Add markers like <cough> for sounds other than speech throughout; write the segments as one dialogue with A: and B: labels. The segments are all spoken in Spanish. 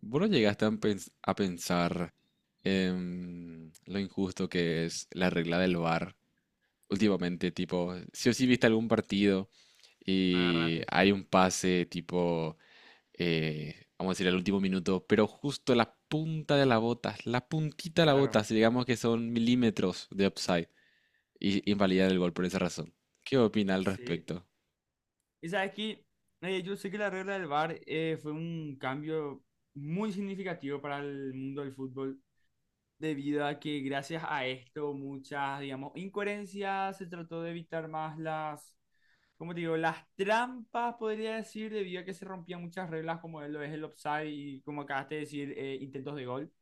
A: ¿Vos no llegaste a pensar en lo injusto que es la regla del VAR últimamente? Tipo, si o si viste
B: Sí,
A: algún partido
B: me
A: y
B: agarraste.
A: hay un pase tipo, vamos a decir, al último minuto, pero justo la punta de la bota, la puntita de la bota,
B: Claro.
A: si digamos que son milímetros de upside, y invalidar el gol por esa razón. ¿Qué opina al
B: Sí.
A: respecto?
B: Y sabes que yo sé que la regla del VAR fue un cambio muy significativo para el mundo del fútbol, debido a que gracias a esto muchas, digamos, incoherencias, se trató de evitar más las, como te digo, las trampas, podría decir, debido a que se rompían muchas reglas, como lo es el offside y como acabaste de decir, intentos de gol.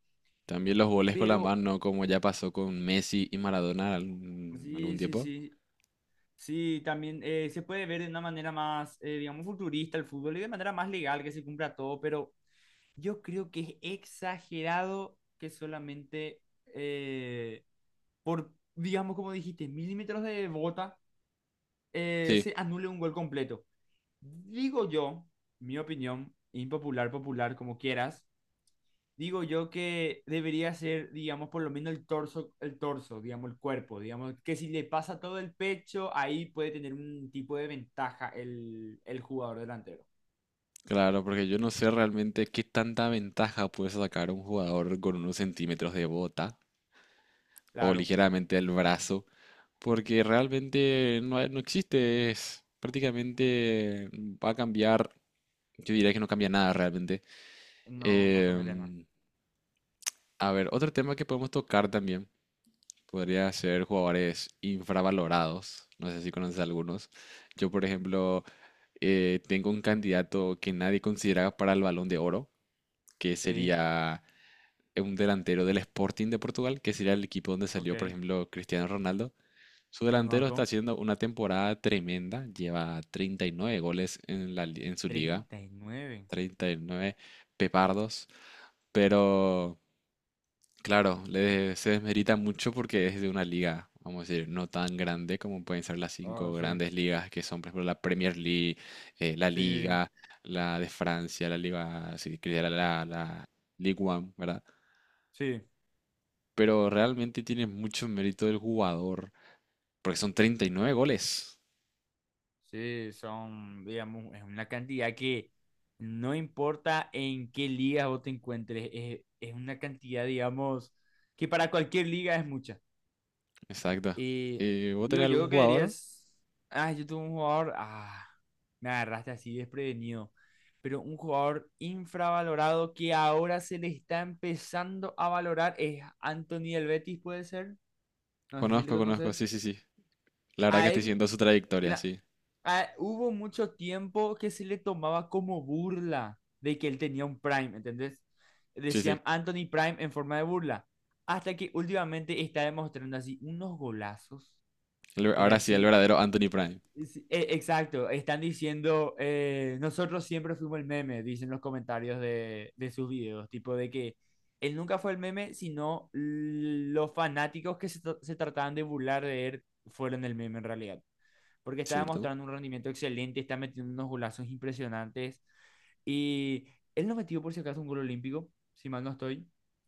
A: También los goles con la
B: Pero
A: mano, como ya pasó con Messi y Maradona algún
B: sí, sí,
A: tiempo.
B: sí. Sí, también se puede ver de una manera más, digamos, futurista el fútbol y de manera más legal que se cumpla todo, pero yo creo que es exagerado que solamente eh, por, digamos, como dijiste, milímetros de bota
A: Sí.
B: se anule un gol completo. Digo yo, mi opinión, impopular, popular, como quieras, digo yo que debería ser, digamos, por lo menos el torso, digamos, el cuerpo, digamos, que si le pasa todo el pecho, ahí puede tener un tipo de ventaja el jugador delantero.
A: Claro, porque yo no sé realmente qué tanta ventaja puede sacar un jugador con unos centímetros de bota o
B: Claro,
A: ligeramente el brazo, porque realmente no, no existe, es prácticamente va a cambiar, yo diría que no cambia nada realmente.
B: no, no cambiaría nada.
A: Em, a ver, otro tema que podemos tocar también podría ser jugadores infravalorados, no sé si conoces algunos. Yo, por ejemplo, tengo un candidato que nadie considera para el Balón de Oro, que
B: Sí,
A: sería... un delantero del Sporting de Portugal, que sería el equipo donde
B: ok,
A: salió, por ejemplo, Cristiano Ronaldo. Su delantero está
B: conozco.
A: haciendo una temporada tremenda, lleva 39 goles en en su liga,
B: 39.
A: 39 pepardos, pero claro, le, se desmerita mucho porque es de una liga, vamos a decir, no tan grande como pueden ser las cinco
B: Oh, sí,
A: grandes ligas que son, por ejemplo, la Premier League, la
B: sí,
A: Liga, la de Francia, la Liga, si quería la Ligue 1, ¿verdad?
B: sí,
A: Pero realmente tiene mucho mérito del jugador, porque son 39 goles.
B: sí, son, digamos, es una cantidad que no importa en qué liga vos te encuentres, es una cantidad, digamos, que para cualquier liga es mucha.
A: Exacto.
B: Y
A: ¿Vos
B: digo,
A: tenés algún
B: yo que
A: jugador?
B: dirías, ah, yo tuve un jugador, ah, me agarraste así desprevenido, pero un jugador infravalorado que ahora se le está empezando a valorar es Anthony del Betis, puede ser, no sé si le
A: Conozco, conozco,
B: conoces.
A: sí, sí, sí. La verdad que
B: A
A: estoy
B: él,
A: siguiendo su trayectoria,
B: mira,
A: sí.
B: hubo mucho tiempo que se le tomaba como burla de que él tenía un Prime, ¿entendés?
A: Sí, sí.
B: Decían Anthony Prime en forma de burla. Hasta que últimamente está demostrando así unos golazos,
A: El
B: pero
A: ahora sí, el
B: así
A: verdadero Anthony Prime,
B: sí, exacto, están diciendo, nosotros siempre fuimos el meme, dicen los comentarios de sus videos, tipo de que él nunca fue el meme, sino los fanáticos que se trataban de burlar de él fueron el meme en realidad, porque estaba
A: ¿cierto?
B: mostrando un rendimiento excelente, está metiendo unos golazos impresionantes y él no metió por si acaso un gol olímpico, si mal no estoy,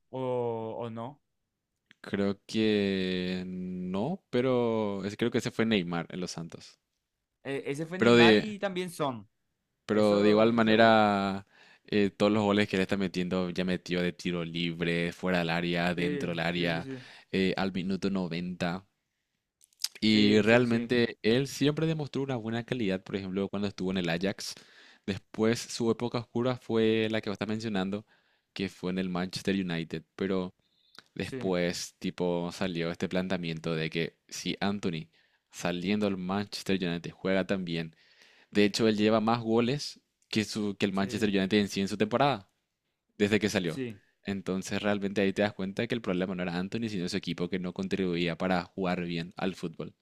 B: o no.
A: Creo que no, pero creo que ese fue Neymar en los Santos.
B: Ese fue
A: Pero
B: Neymar
A: de,
B: y también Son,
A: pero de
B: eso
A: igual
B: estoy seguro.
A: manera, todos los goles que le está metiendo, ya metió de tiro libre, fuera del área,
B: Sí,
A: dentro del
B: sí, sí,
A: área,
B: sí.
A: al minuto 90. Y
B: Sí, sí, sí,
A: realmente él siempre demostró una buena calidad, por ejemplo, cuando estuvo en el Ajax. Después su época oscura fue la que vos estás mencionando, que fue en el Manchester United. Pero
B: sí,
A: después, tipo, salió este planteamiento de que si Anthony, saliendo al Manchester United, juega tan bien, de hecho él lleva más goles que, su, que el Manchester
B: sí,
A: United en sí en su temporada, desde que salió.
B: sí.
A: Entonces realmente ahí te das cuenta que el problema no era Anthony, sino su equipo que no contribuía para jugar bien al fútbol.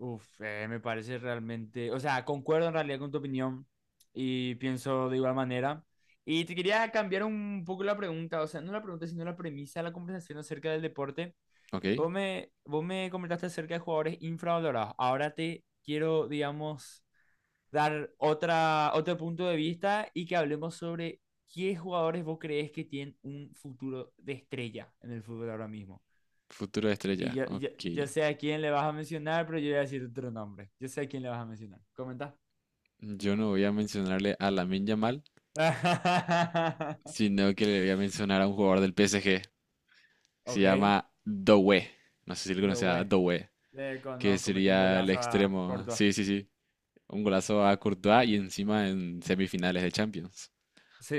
B: Uf, me parece realmente, o sea, concuerdo en realidad con tu opinión y pienso de igual manera. Y te quería cambiar un poco la pregunta, o sea, no la pregunta, sino la premisa de la conversación acerca del deporte.
A: ¿Ok?
B: Vos me comentaste acerca de jugadores infravalorados. Ahora te quiero, digamos, dar otra, otro punto de vista y que hablemos sobre qué jugadores vos crees que tienen un futuro de estrella en el fútbol ahora mismo.
A: Futuro de
B: Y
A: estrella.
B: yo, yo,
A: Ok.
B: yo sé a quién le vas a mencionar, pero yo voy a decir otro nombre. Yo sé a quién le vas a mencionar. Comenta.
A: Yo no voy a mencionarle a Lamine Yamal,
B: <laughs>
A: sino que le voy a mencionar a un jugador del PSG. Se
B: Ok,
A: llama Doué. No sé si le conoce a
B: Doué.
A: Doué,
B: Le
A: que
B: conozco, metió un
A: sería el
B: golazo a
A: extremo.
B: Córdoba.
A: Sí, sí, sí. Un golazo a Courtois y encima en semifinales de Champions.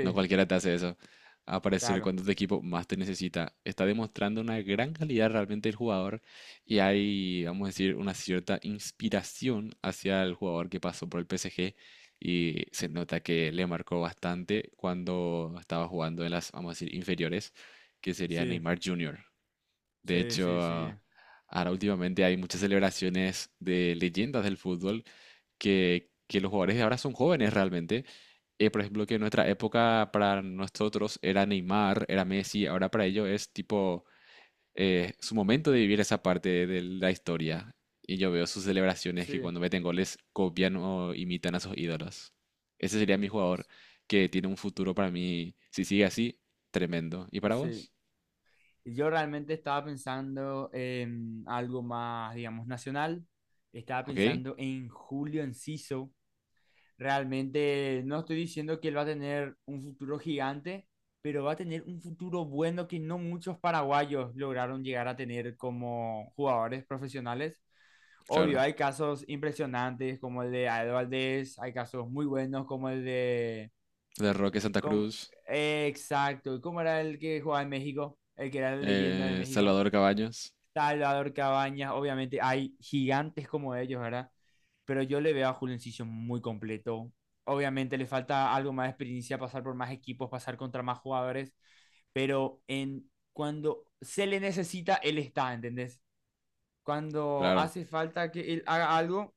A: No cualquiera te hace eso. Aparecer
B: claro.
A: cuando tu equipo más te necesita. Está demostrando una gran calidad realmente el jugador y hay, vamos a decir, una cierta inspiración hacia el jugador que pasó por el PSG y se nota que le marcó bastante cuando estaba jugando en las, vamos a decir, inferiores, que sería
B: Sí,
A: Neymar Jr. De
B: sí, sí,
A: hecho,
B: sí.
A: ah, ahora últimamente hay muchas celebraciones de leyendas del fútbol que los jugadores de ahora son jóvenes realmente. Por ejemplo, que en nuestra época para nosotros era Neymar, era Messi, ahora para ellos es tipo su momento de vivir esa parte de la historia. Y yo veo sus celebraciones que
B: Sí,
A: cuando meten goles copian o imitan a sus ídolos. Ese sería mi jugador que tiene un futuro para mí, si sigue así, tremendo. ¿Y para
B: sí.
A: vos?
B: Y yo realmente estaba pensando en algo más, digamos, nacional. Estaba
A: ¿Ok?
B: pensando en Julio Enciso. Realmente no estoy diciendo que él va a tener un futuro gigante, pero va a tener un futuro bueno que no muchos paraguayos lograron llegar a tener como jugadores profesionales. Obvio,
A: Claro.
B: hay casos impresionantes como el de Aedo Valdés, hay casos muy buenos como el de...
A: De Roque Santa
B: como-
A: Cruz,
B: exacto, ¿cómo era el que jugaba en México? El que era la leyenda de México.
A: Salvador Cabañas,
B: Salvador Cabañas, obviamente hay gigantes como ellos, ¿verdad? Pero yo le veo a Julencillo muy completo. Obviamente le falta algo más de experiencia, pasar por más equipos, pasar contra más jugadores, pero en cuando se le necesita, él está, ¿entendés? Cuando
A: claro,
B: hace falta que él haga algo,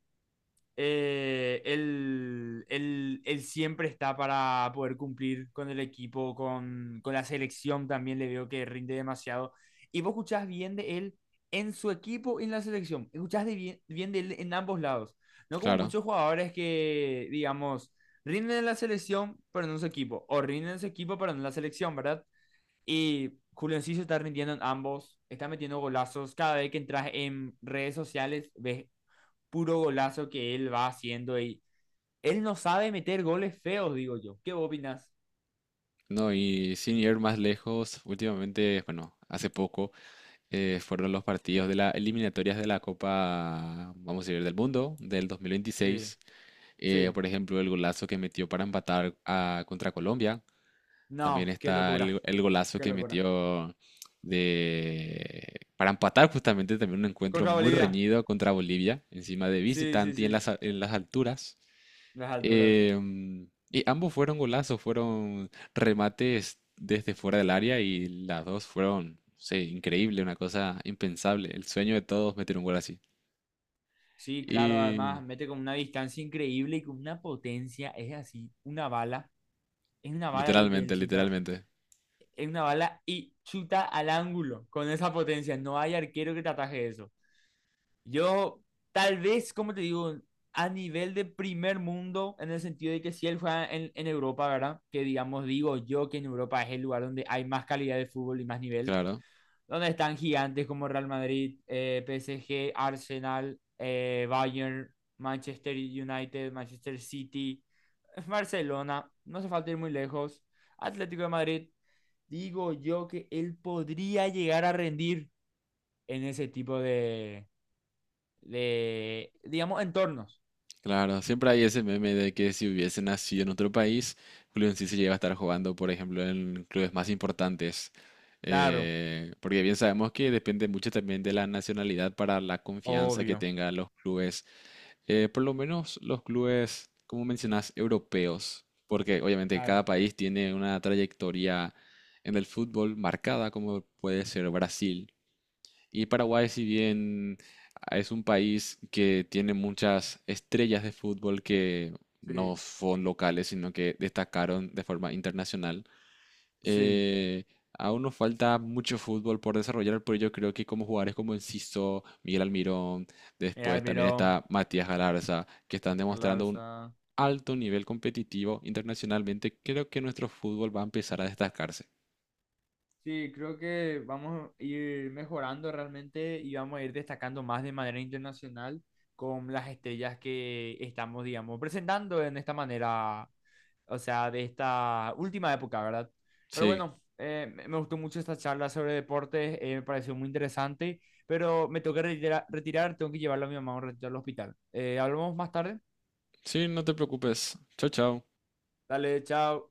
B: él siempre está para poder cumplir con el equipo, con la selección también le veo que rinde demasiado. Y vos escuchás bien de él en su equipo y en la selección, escuchás de bien, bien de él en ambos lados, no como
A: claro.
B: muchos jugadores que, digamos, rinden en la selección pero no en su equipo, o rinden en su equipo pero no en la selección, ¿verdad? Y Julio Enciso está rindiendo en ambos, está metiendo golazos, cada vez que entras en redes sociales ves puro golazo que él va haciendo y él no sabe meter goles feos, digo yo. ¿Qué opinas?
A: No, y sin ir más lejos, últimamente, bueno, hace poco fueron los partidos de las eliminatorias de la Copa, vamos a decir, del mundo del
B: Sí,
A: 2026.
B: sí.
A: Por ejemplo, el golazo que metió para empatar contra Colombia. También
B: No, qué
A: está
B: locura,
A: el golazo
B: qué
A: que
B: locura.
A: metió de, para empatar justamente también un encuentro
B: Contra
A: muy
B: Bolivia.
A: reñido contra Bolivia, encima de
B: Sí, sí,
A: visitante y en
B: sí.
A: las, en las alturas.
B: Las alturas.
A: Y ambos fueron golazos, fueron remates desde fuera del área y las dos fueron, no sé, increíble, una cosa impensable. El sueño de todos meter un gol así.
B: Sí, claro,
A: Y
B: además mete con una distancia increíble y con una potencia. Es así, una bala. Es una bala lo que él
A: literalmente,
B: chuta.
A: literalmente.
B: Es una bala y chuta al ángulo con esa potencia. No hay arquero que te ataje eso. Yo, tal vez, como te digo, a nivel de primer mundo, en el sentido de que si él juega en Europa, ¿verdad? Que digamos, digo yo que en Europa es el lugar donde hay más calidad de fútbol y más nivel,
A: Claro,
B: donde están gigantes como Real Madrid, PSG, Arsenal, Bayern, Manchester United, Manchester City, Barcelona, no hace falta ir muy lejos, Atlético de Madrid. Digo yo que él podría llegar a rendir en ese tipo de digamos, entornos.
A: claro. Siempre hay ese meme de que si hubiese nacido en otro país, Julio sí se lleva a estar jugando, por ejemplo, en clubes más importantes.
B: Claro,
A: Porque bien sabemos que depende mucho también de la nacionalidad para la confianza que
B: obvio.
A: tengan los clubes. Por lo menos los clubes, como mencionas, europeos, porque obviamente
B: Claro.
A: cada país tiene una trayectoria en el fútbol marcada, como puede ser Brasil. Y Paraguay, si bien es un país que tiene muchas estrellas de fútbol que no
B: Sí,
A: son locales, sino que destacaron de forma internacional,
B: sí.
A: eh, aún nos falta mucho fútbol por desarrollar, pero yo creo que como jugadores como Enciso, Miguel Almirón,
B: El
A: después también
B: Almirón,
A: está Matías Galarza, que están demostrando un
B: Alarza,
A: alto nivel competitivo internacionalmente, creo que nuestro fútbol va a empezar a destacarse.
B: sí, creo que vamos a ir mejorando realmente y vamos a ir destacando más de manera internacional con las estrellas que estamos, digamos, presentando en esta manera, o sea, de esta última época, ¿verdad? Pero
A: Sí,
B: bueno, me gustó mucho esta charla sobre deportes, me pareció muy interesante, pero me tengo que retirar, tengo que llevarlo a mi mamá un ratito al hospital. ¿Hablamos más tarde?
A: sí, no te preocupes. Chao, chao.
B: Dale, chao.